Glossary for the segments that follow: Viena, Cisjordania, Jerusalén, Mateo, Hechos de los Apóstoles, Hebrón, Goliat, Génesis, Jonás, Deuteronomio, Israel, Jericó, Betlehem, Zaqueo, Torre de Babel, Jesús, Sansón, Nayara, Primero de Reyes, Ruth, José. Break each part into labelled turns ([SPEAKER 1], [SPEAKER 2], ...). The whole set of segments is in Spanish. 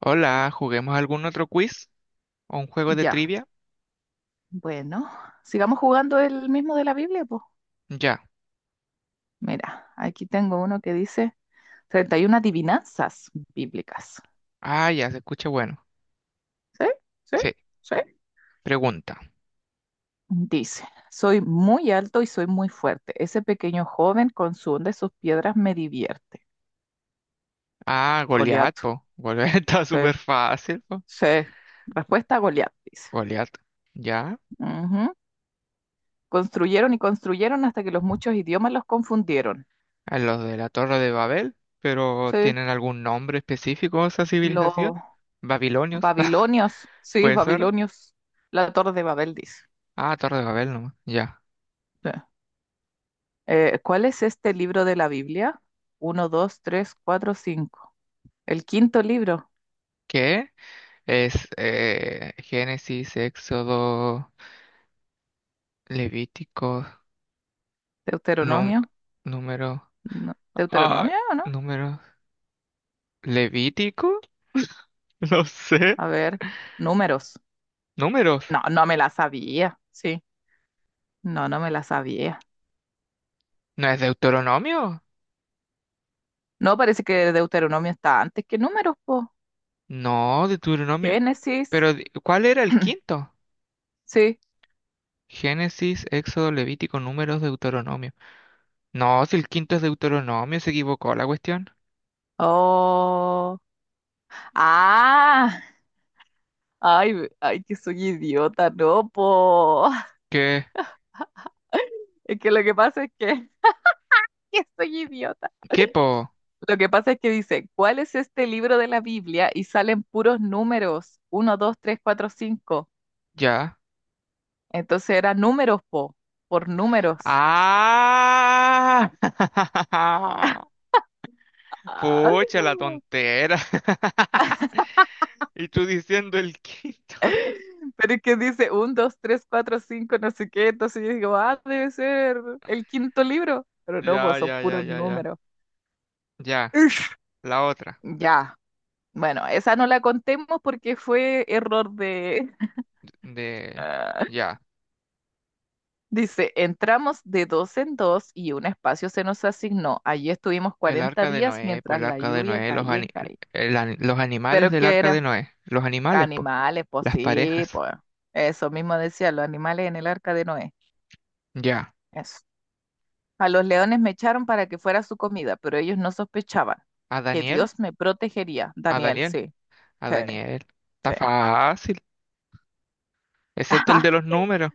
[SPEAKER 1] Hola, ¿juguemos algún otro quiz o un juego de
[SPEAKER 2] Ya,
[SPEAKER 1] trivia?
[SPEAKER 2] bueno, sigamos jugando el mismo de la Biblia, pues.
[SPEAKER 1] Ya.
[SPEAKER 2] Mira, aquí tengo uno que dice 31 adivinanzas bíblicas.
[SPEAKER 1] Ah, ya se escucha bueno.
[SPEAKER 2] ¿Sí? ¿Sí?
[SPEAKER 1] Sí.
[SPEAKER 2] ¿Sí?
[SPEAKER 1] Pregunta.
[SPEAKER 2] Dice, soy muy alto y soy muy fuerte. Ese pequeño joven con su onda y sus piedras me divierte.
[SPEAKER 1] Ah, Goliat,
[SPEAKER 2] Goliat.
[SPEAKER 1] po. Goliat está
[SPEAKER 2] Sí,
[SPEAKER 1] súper fácil, po.
[SPEAKER 2] sí. Respuesta a Goliat, dice.
[SPEAKER 1] Goliat. Ya.
[SPEAKER 2] Ujú. Construyeron y construyeron hasta que los muchos idiomas los confundieron.
[SPEAKER 1] A los de la Torre de Babel, pero
[SPEAKER 2] Sí,
[SPEAKER 1] ¿tienen algún nombre específico esa
[SPEAKER 2] los
[SPEAKER 1] civilización? Babilonios.
[SPEAKER 2] babilonios. Sí,
[SPEAKER 1] ¿Puede ser?
[SPEAKER 2] babilonios. La Torre de Babel, dice.
[SPEAKER 1] Ah, Torre de Babel nomás. Ya.
[SPEAKER 2] Sí. ¿Cuál es este libro de la Biblia? Uno, dos, tres, cuatro, cinco. El quinto libro,
[SPEAKER 1] ¿Qué? Es Génesis, Éxodo, Levítico, num-
[SPEAKER 2] Deuteronomio.
[SPEAKER 1] número.
[SPEAKER 2] No,
[SPEAKER 1] Ah,
[SPEAKER 2] ¿Deuteronomio o no?
[SPEAKER 1] número. ¿Levítico? No sé.
[SPEAKER 2] A ver, números.
[SPEAKER 1] ¿Números?
[SPEAKER 2] No, no me la sabía. Sí, no, no me la sabía.
[SPEAKER 1] ¿No es Deuteronomio?
[SPEAKER 2] No, parece que Deuteronomio está antes que números, po.
[SPEAKER 1] No, Deuteronomio.
[SPEAKER 2] Génesis.
[SPEAKER 1] Pero, ¿cuál era el quinto?
[SPEAKER 2] Sí.
[SPEAKER 1] Génesis, Éxodo, Levítico, Números, Deuteronomio. No, si el quinto es Deuteronomio, se equivocó la cuestión.
[SPEAKER 2] Oh. Ah. Ay, ay, que soy idiota, no, po.
[SPEAKER 1] ¿Qué?
[SPEAKER 2] Es que lo que pasa es que, que soy idiota.
[SPEAKER 1] ¿Qué po?
[SPEAKER 2] Lo que pasa es que dice, ¿cuál es este libro de la Biblia? Y salen puros números, uno 2 3 4 5.
[SPEAKER 1] Ya.
[SPEAKER 2] Entonces era números, po, por números.
[SPEAKER 1] ¡Ah!
[SPEAKER 2] Ah,
[SPEAKER 1] Pucha, la tontera. Y tú diciendo el quinto.
[SPEAKER 2] pero es que dice 1, 2 3 4 5 no sé qué. Entonces yo digo, ah, debe ser el quinto libro. Pero no,
[SPEAKER 1] Ya,
[SPEAKER 2] pues son
[SPEAKER 1] ya, ya,
[SPEAKER 2] puros
[SPEAKER 1] ya, ya.
[SPEAKER 2] números.
[SPEAKER 1] Ya,
[SPEAKER 2] Ish.
[SPEAKER 1] la otra.
[SPEAKER 2] Ya, bueno, esa no la contemos porque fue error de...
[SPEAKER 1] De, ya,
[SPEAKER 2] Dice, entramos de dos en dos y un espacio se nos asignó. Allí estuvimos
[SPEAKER 1] el
[SPEAKER 2] 40
[SPEAKER 1] arca de
[SPEAKER 2] días
[SPEAKER 1] Noé, pues
[SPEAKER 2] mientras
[SPEAKER 1] el
[SPEAKER 2] la
[SPEAKER 1] arca de
[SPEAKER 2] lluvia
[SPEAKER 1] Noé, los,
[SPEAKER 2] caía y caía.
[SPEAKER 1] el los animales
[SPEAKER 2] ¿Pero
[SPEAKER 1] del
[SPEAKER 2] qué
[SPEAKER 1] arca de
[SPEAKER 2] era?
[SPEAKER 1] Noé, los animales, pues,
[SPEAKER 2] Animales, pues
[SPEAKER 1] las
[SPEAKER 2] sí,
[SPEAKER 1] parejas,
[SPEAKER 2] pues. Eso mismo decía, los animales en el arca de Noé.
[SPEAKER 1] ya,
[SPEAKER 2] Eso. A los leones me echaron para que fuera su comida, pero ellos no sospechaban
[SPEAKER 1] a
[SPEAKER 2] que
[SPEAKER 1] Daniel,
[SPEAKER 2] Dios me protegería.
[SPEAKER 1] a
[SPEAKER 2] Daniel,
[SPEAKER 1] Daniel,
[SPEAKER 2] sí,
[SPEAKER 1] a
[SPEAKER 2] sí,
[SPEAKER 1] Daniel, está
[SPEAKER 2] sí.
[SPEAKER 1] fácil, excepto el de los números,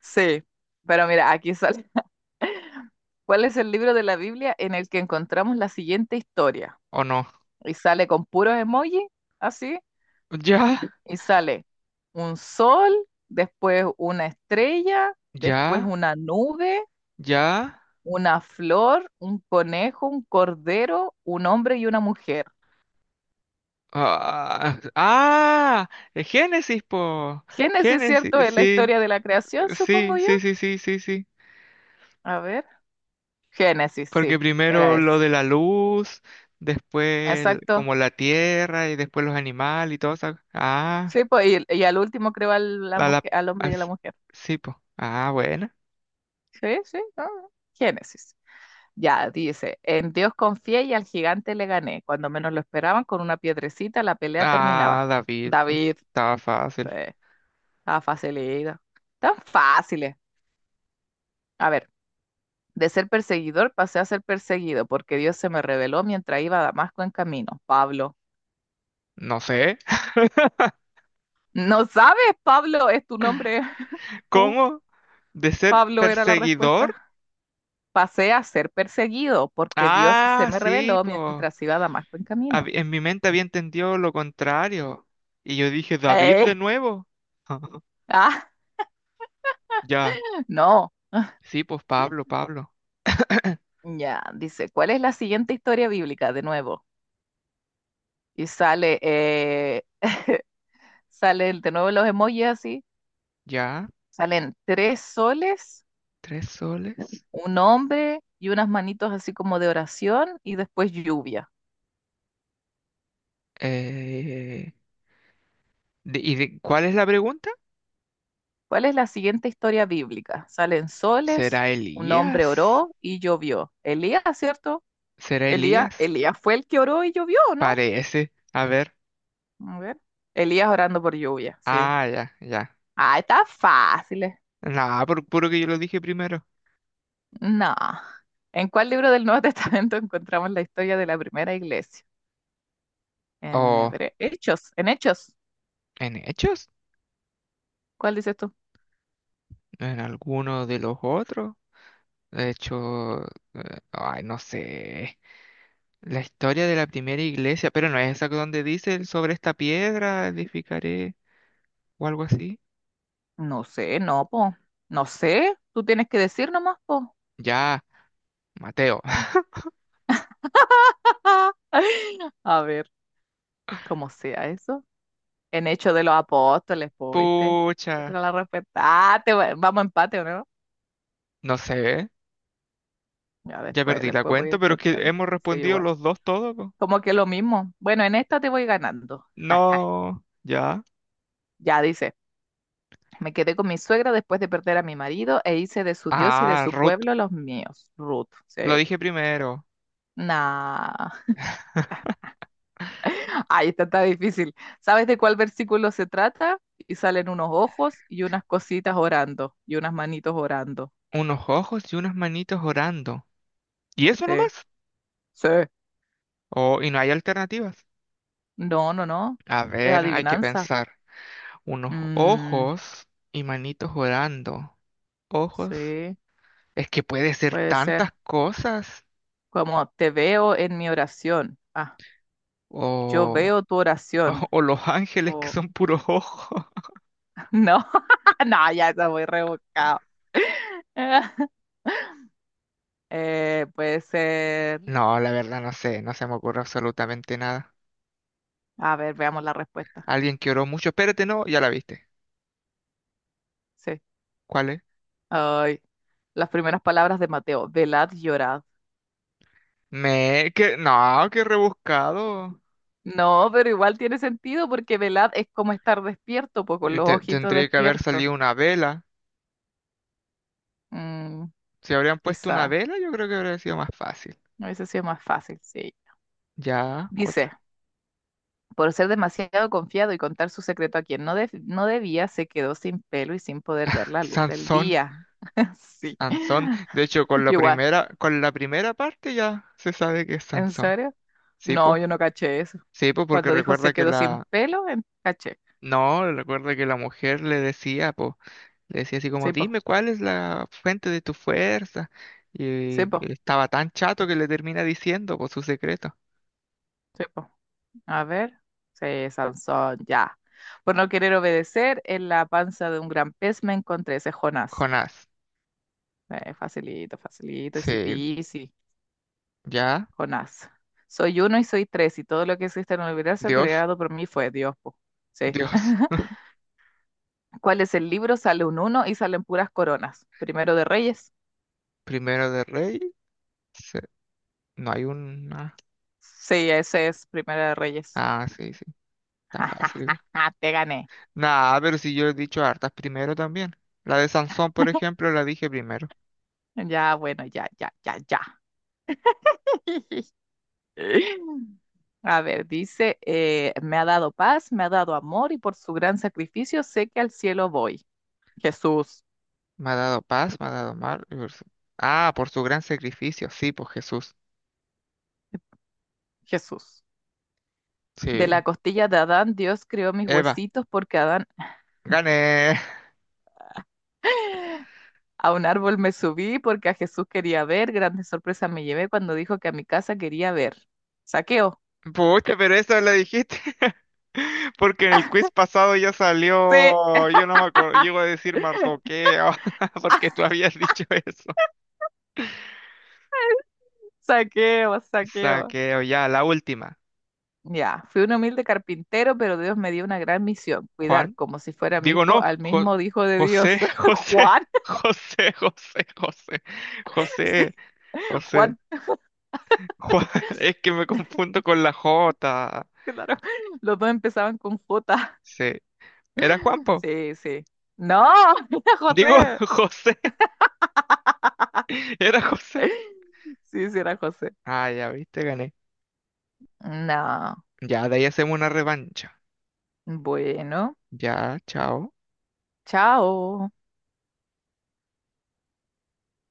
[SPEAKER 2] Sí, pero mira, aquí sale. ¿Cuál es el libro de la Biblia en el que encontramos la siguiente historia?
[SPEAKER 1] ¿o no?
[SPEAKER 2] Y sale con puros emojis, así,
[SPEAKER 1] Ya,
[SPEAKER 2] y sale un sol, después una estrella, después
[SPEAKER 1] ya,
[SPEAKER 2] una nube,
[SPEAKER 1] ya.
[SPEAKER 2] una flor, un conejo, un cordero, un hombre y una mujer.
[SPEAKER 1] Ah, ah, Génesis, po.
[SPEAKER 2] Génesis, ¿cierto?
[SPEAKER 1] Génesis,
[SPEAKER 2] Es la
[SPEAKER 1] sí,
[SPEAKER 2] historia de la creación, supongo
[SPEAKER 1] sí,
[SPEAKER 2] yo.
[SPEAKER 1] sí, sí, sí, sí, sí.
[SPEAKER 2] A ver, Génesis,
[SPEAKER 1] Porque
[SPEAKER 2] sí, era
[SPEAKER 1] primero lo
[SPEAKER 2] ese.
[SPEAKER 1] de la luz, después
[SPEAKER 2] Exacto.
[SPEAKER 1] como la tierra y después los animales y todo eso. Ah,
[SPEAKER 2] Sí, pues, y al último creó la
[SPEAKER 1] la,
[SPEAKER 2] mujer, al hombre y a la
[SPEAKER 1] as-
[SPEAKER 2] mujer.
[SPEAKER 1] sí, pues. Ah, bueno.
[SPEAKER 2] Sí, sí, ah, Génesis. Ya, dice, en Dios confié y al gigante le gané. Cuando menos lo esperaban, con una piedrecita la pelea
[SPEAKER 1] Ah,
[SPEAKER 2] terminaba.
[SPEAKER 1] David, po.
[SPEAKER 2] David,
[SPEAKER 1] Estaba fácil.
[SPEAKER 2] eh, estaba facilita. Tan fáciles. A ver, de ser perseguidor pasé a ser perseguido, porque Dios se me reveló mientras iba a Damasco en camino. Pablo.
[SPEAKER 1] No sé.
[SPEAKER 2] ¿No sabes, Pablo? Es tu nombre. Tú,
[SPEAKER 1] ¿Cómo? ¿De ser
[SPEAKER 2] Pablo, era la
[SPEAKER 1] perseguidor?
[SPEAKER 2] respuesta. Pasé a ser perseguido, porque Dios se
[SPEAKER 1] Ah,
[SPEAKER 2] me
[SPEAKER 1] sí,
[SPEAKER 2] reveló
[SPEAKER 1] pues.
[SPEAKER 2] mientras iba a Damasco en camino.
[SPEAKER 1] En mi mente había entendido lo contrario. Y yo dije, David
[SPEAKER 2] Eh,
[SPEAKER 1] de nuevo.
[SPEAKER 2] ah,
[SPEAKER 1] Ya.
[SPEAKER 2] no.
[SPEAKER 1] Sí, pues Pablo, Pablo.
[SPEAKER 2] Ya, dice, ¿cuál es la siguiente historia bíblica? De nuevo. Y sale, eh, salen de nuevo los emojis así.
[SPEAKER 1] Ya.
[SPEAKER 2] Salen tres soles,
[SPEAKER 1] Tres soles.
[SPEAKER 2] un hombre y unas manitos así como de oración y después lluvia.
[SPEAKER 1] Eh, ¿Y de, cuál es la pregunta?
[SPEAKER 2] ¿Cuál es la siguiente historia bíblica? Salen soles,
[SPEAKER 1] ¿Será
[SPEAKER 2] un hombre
[SPEAKER 1] Elías?
[SPEAKER 2] oró y llovió. Elías, ¿cierto?
[SPEAKER 1] ¿Será
[SPEAKER 2] Elías,
[SPEAKER 1] Elías?
[SPEAKER 2] Elías fue el que oró y llovió, ¿no?
[SPEAKER 1] Parece. A ver.
[SPEAKER 2] A ver. Elías orando por lluvia, sí.
[SPEAKER 1] Ah, ya, ya.
[SPEAKER 2] Ah, está fácil.
[SPEAKER 1] Nada, por puro que yo lo dije primero.
[SPEAKER 2] No. ¿En cuál libro del Nuevo Testamento encontramos la historia de la primera iglesia? En
[SPEAKER 1] ¿O
[SPEAKER 2] Hebre- Hechos, en Hechos.
[SPEAKER 1] en Hechos?
[SPEAKER 2] ¿Cuál dices tú?
[SPEAKER 1] ¿En alguno de los otros? De hecho, ay, no sé. La historia de la primera iglesia, pero no es esa que donde dice el sobre esta piedra edificaré o algo así.
[SPEAKER 2] No sé, no, po. No sé. Tú tienes que decir nomás, po.
[SPEAKER 1] Ya, Mateo.
[SPEAKER 2] A ver, cómo sea eso. En Hechos de los Apóstoles, po, ¿viste? Esa
[SPEAKER 1] Pucha,
[SPEAKER 2] era la respetaste. Vamos a empate, ¿o ¿no?
[SPEAKER 1] no sé.
[SPEAKER 2] Ya
[SPEAKER 1] Ya
[SPEAKER 2] después,
[SPEAKER 1] perdí la
[SPEAKER 2] después voy a
[SPEAKER 1] cuenta,
[SPEAKER 2] ir
[SPEAKER 1] pero es que
[SPEAKER 2] contando.
[SPEAKER 1] hemos
[SPEAKER 2] Sí,
[SPEAKER 1] respondido
[SPEAKER 2] igual.
[SPEAKER 1] los dos todo, po.
[SPEAKER 2] Como que lo mismo. Bueno, en esta te voy ganando.
[SPEAKER 1] No, ya.
[SPEAKER 2] Ya dice. Me quedé con mi suegra después de perder a mi marido e hice de su Dios y de
[SPEAKER 1] Ah,
[SPEAKER 2] su
[SPEAKER 1] Ruth,
[SPEAKER 2] pueblo los míos. Ruth. Sí.
[SPEAKER 1] lo
[SPEAKER 2] Po.
[SPEAKER 1] dije primero.
[SPEAKER 2] Nah. Ahí está, está difícil. ¿Sabes de cuál versículo se trata? Y salen unos ojos y unas cositas orando y unas manitos orando.
[SPEAKER 1] Unos ojos y unas manitos orando. ¿Y eso
[SPEAKER 2] Sí.
[SPEAKER 1] nomás?
[SPEAKER 2] Sí.
[SPEAKER 1] Oh, y no hay alternativas.
[SPEAKER 2] No, no, no.
[SPEAKER 1] A
[SPEAKER 2] Es
[SPEAKER 1] ver, hay que
[SPEAKER 2] adivinanza.
[SPEAKER 1] pensar. Unos
[SPEAKER 2] Mm,
[SPEAKER 1] ojos y manitos orando. Ojos.
[SPEAKER 2] sí,
[SPEAKER 1] Es que puede ser
[SPEAKER 2] puede
[SPEAKER 1] tantas
[SPEAKER 2] ser.
[SPEAKER 1] cosas.
[SPEAKER 2] Como te veo en mi oración. Ah, yo
[SPEAKER 1] O,
[SPEAKER 2] veo tu oración.
[SPEAKER 1] o los ángeles que
[SPEAKER 2] O
[SPEAKER 1] son puros ojos.
[SPEAKER 2] no, no, ya está muy rebuscado. Puede ser.
[SPEAKER 1] No, la verdad no sé, no se me ocurre absolutamente nada.
[SPEAKER 2] A ver, veamos la respuesta.
[SPEAKER 1] Alguien que oró mucho. Espérate, no, ya la viste.
[SPEAKER 2] Sí.
[SPEAKER 1] ¿Cuál es?
[SPEAKER 2] Ay, las primeras palabras de Mateo. Velad, y llorad.
[SPEAKER 1] Me... Que... No, qué rebuscado.
[SPEAKER 2] No, pero igual tiene sentido porque velad es como estar despierto, pues con
[SPEAKER 1] Y
[SPEAKER 2] los ojitos
[SPEAKER 1] tendría que haber
[SPEAKER 2] despiertos.
[SPEAKER 1] salido una vela.
[SPEAKER 2] Mm,
[SPEAKER 1] Si habrían puesto una
[SPEAKER 2] quizá.
[SPEAKER 1] vela, yo creo que habría sido más fácil.
[SPEAKER 2] A veces sí es más fácil, sí.
[SPEAKER 1] Ya,
[SPEAKER 2] Dice,
[SPEAKER 1] otra.
[SPEAKER 2] por ser demasiado confiado y contar su secreto a quien no, no debía, se quedó sin pelo y sin poder ver la luz del
[SPEAKER 1] Sansón,
[SPEAKER 2] día. Sí.
[SPEAKER 1] Sansón. De hecho,
[SPEAKER 2] Igual,
[SPEAKER 1] con la primera parte ya se sabe que es
[SPEAKER 2] ¿en
[SPEAKER 1] Sansón.
[SPEAKER 2] serio?
[SPEAKER 1] ¿Sí,
[SPEAKER 2] No, yo
[SPEAKER 1] po?
[SPEAKER 2] no caché eso.
[SPEAKER 1] Sí, po, porque
[SPEAKER 2] Cuando dijo se
[SPEAKER 1] recuerda que
[SPEAKER 2] quedó sin
[SPEAKER 1] la...
[SPEAKER 2] pelo, caché.
[SPEAKER 1] No, recuerda que la mujer le decía, po, le decía así como,
[SPEAKER 2] Sí, po,
[SPEAKER 1] dime cuál es la fuente de tu fuerza. Y
[SPEAKER 2] sí, po,
[SPEAKER 1] él estaba tan chato que le termina diciendo, por su secreto.
[SPEAKER 2] sí, po. A ver. Sí, Sansón, ya. Por no querer obedecer, en la panza de un gran pez me encontré, ese es Jonás.
[SPEAKER 1] Jonás.
[SPEAKER 2] Facilito, facilito, easy
[SPEAKER 1] Sí,
[SPEAKER 2] peasy,
[SPEAKER 1] ya,
[SPEAKER 2] Jonás. Soy uno y soy tres, y todo lo que existe en el universo
[SPEAKER 1] Dios,
[SPEAKER 2] creado por mí fue Dios, po. Sí.
[SPEAKER 1] Dios.
[SPEAKER 2] ¿Cuál es el libro? Sale un uno y salen puras coronas. Primero de Reyes.
[SPEAKER 1] Primero de Rey, se- no hay una.
[SPEAKER 2] Sí, ese es Primero de Reyes.
[SPEAKER 1] Ah, sí, sí, está fácil igual.
[SPEAKER 2] Te gané.
[SPEAKER 1] Nah, pero si yo he dicho hartas primero también. La de Sansón, por ejemplo, la dije primero.
[SPEAKER 2] Ya, bueno, ya, ya, ya, ya. A ver, dice, me ha dado paz, me ha dado amor y por su gran sacrificio sé que al cielo voy. Jesús,
[SPEAKER 1] Me ha dado paz, me ha dado mal. Y por ah, por su gran sacrificio, sí, por Jesús.
[SPEAKER 2] Jesús. De
[SPEAKER 1] Sí.
[SPEAKER 2] la costilla de Adán, Dios creó mis
[SPEAKER 1] Eva,
[SPEAKER 2] huesitos porque Adán
[SPEAKER 1] gané.
[SPEAKER 2] a un árbol me subí porque a Jesús quería ver. Grande sorpresa me llevé cuando dijo que a mi casa quería ver. Saqueo.
[SPEAKER 1] Pucha, pero eso la dijiste. Porque en el quiz pasado ya
[SPEAKER 2] Sí,
[SPEAKER 1] salió, yo no me acuerdo, llego a decir mardoqueo, porque tú habías dicho eso.
[SPEAKER 2] saqueo, saqueo.
[SPEAKER 1] Saqueo, ya, la última.
[SPEAKER 2] Ya, fui un humilde carpintero, pero Dios me dio una gran misión, cuidar
[SPEAKER 1] Juan,
[SPEAKER 2] como si fuera mi
[SPEAKER 1] digo
[SPEAKER 2] hijo
[SPEAKER 1] no,
[SPEAKER 2] al mismo hijo de Dios.
[SPEAKER 1] José, José,
[SPEAKER 2] Juan,
[SPEAKER 1] José, José, José,
[SPEAKER 2] sí,
[SPEAKER 1] José, José,
[SPEAKER 2] Juan,
[SPEAKER 1] Juan, es que me confundo con la J.
[SPEAKER 2] claro. Los dos empezaban con J.
[SPEAKER 1] Sí, era Juanpo.
[SPEAKER 2] Sí, sí. No, era
[SPEAKER 1] Digo
[SPEAKER 2] José.
[SPEAKER 1] José, era José.
[SPEAKER 2] Sí, sí, era José.
[SPEAKER 1] Ah, ya viste, gané.
[SPEAKER 2] No.
[SPEAKER 1] Ya, de ahí hacemos una revancha.
[SPEAKER 2] Bueno,
[SPEAKER 1] Ya, chao.
[SPEAKER 2] chao.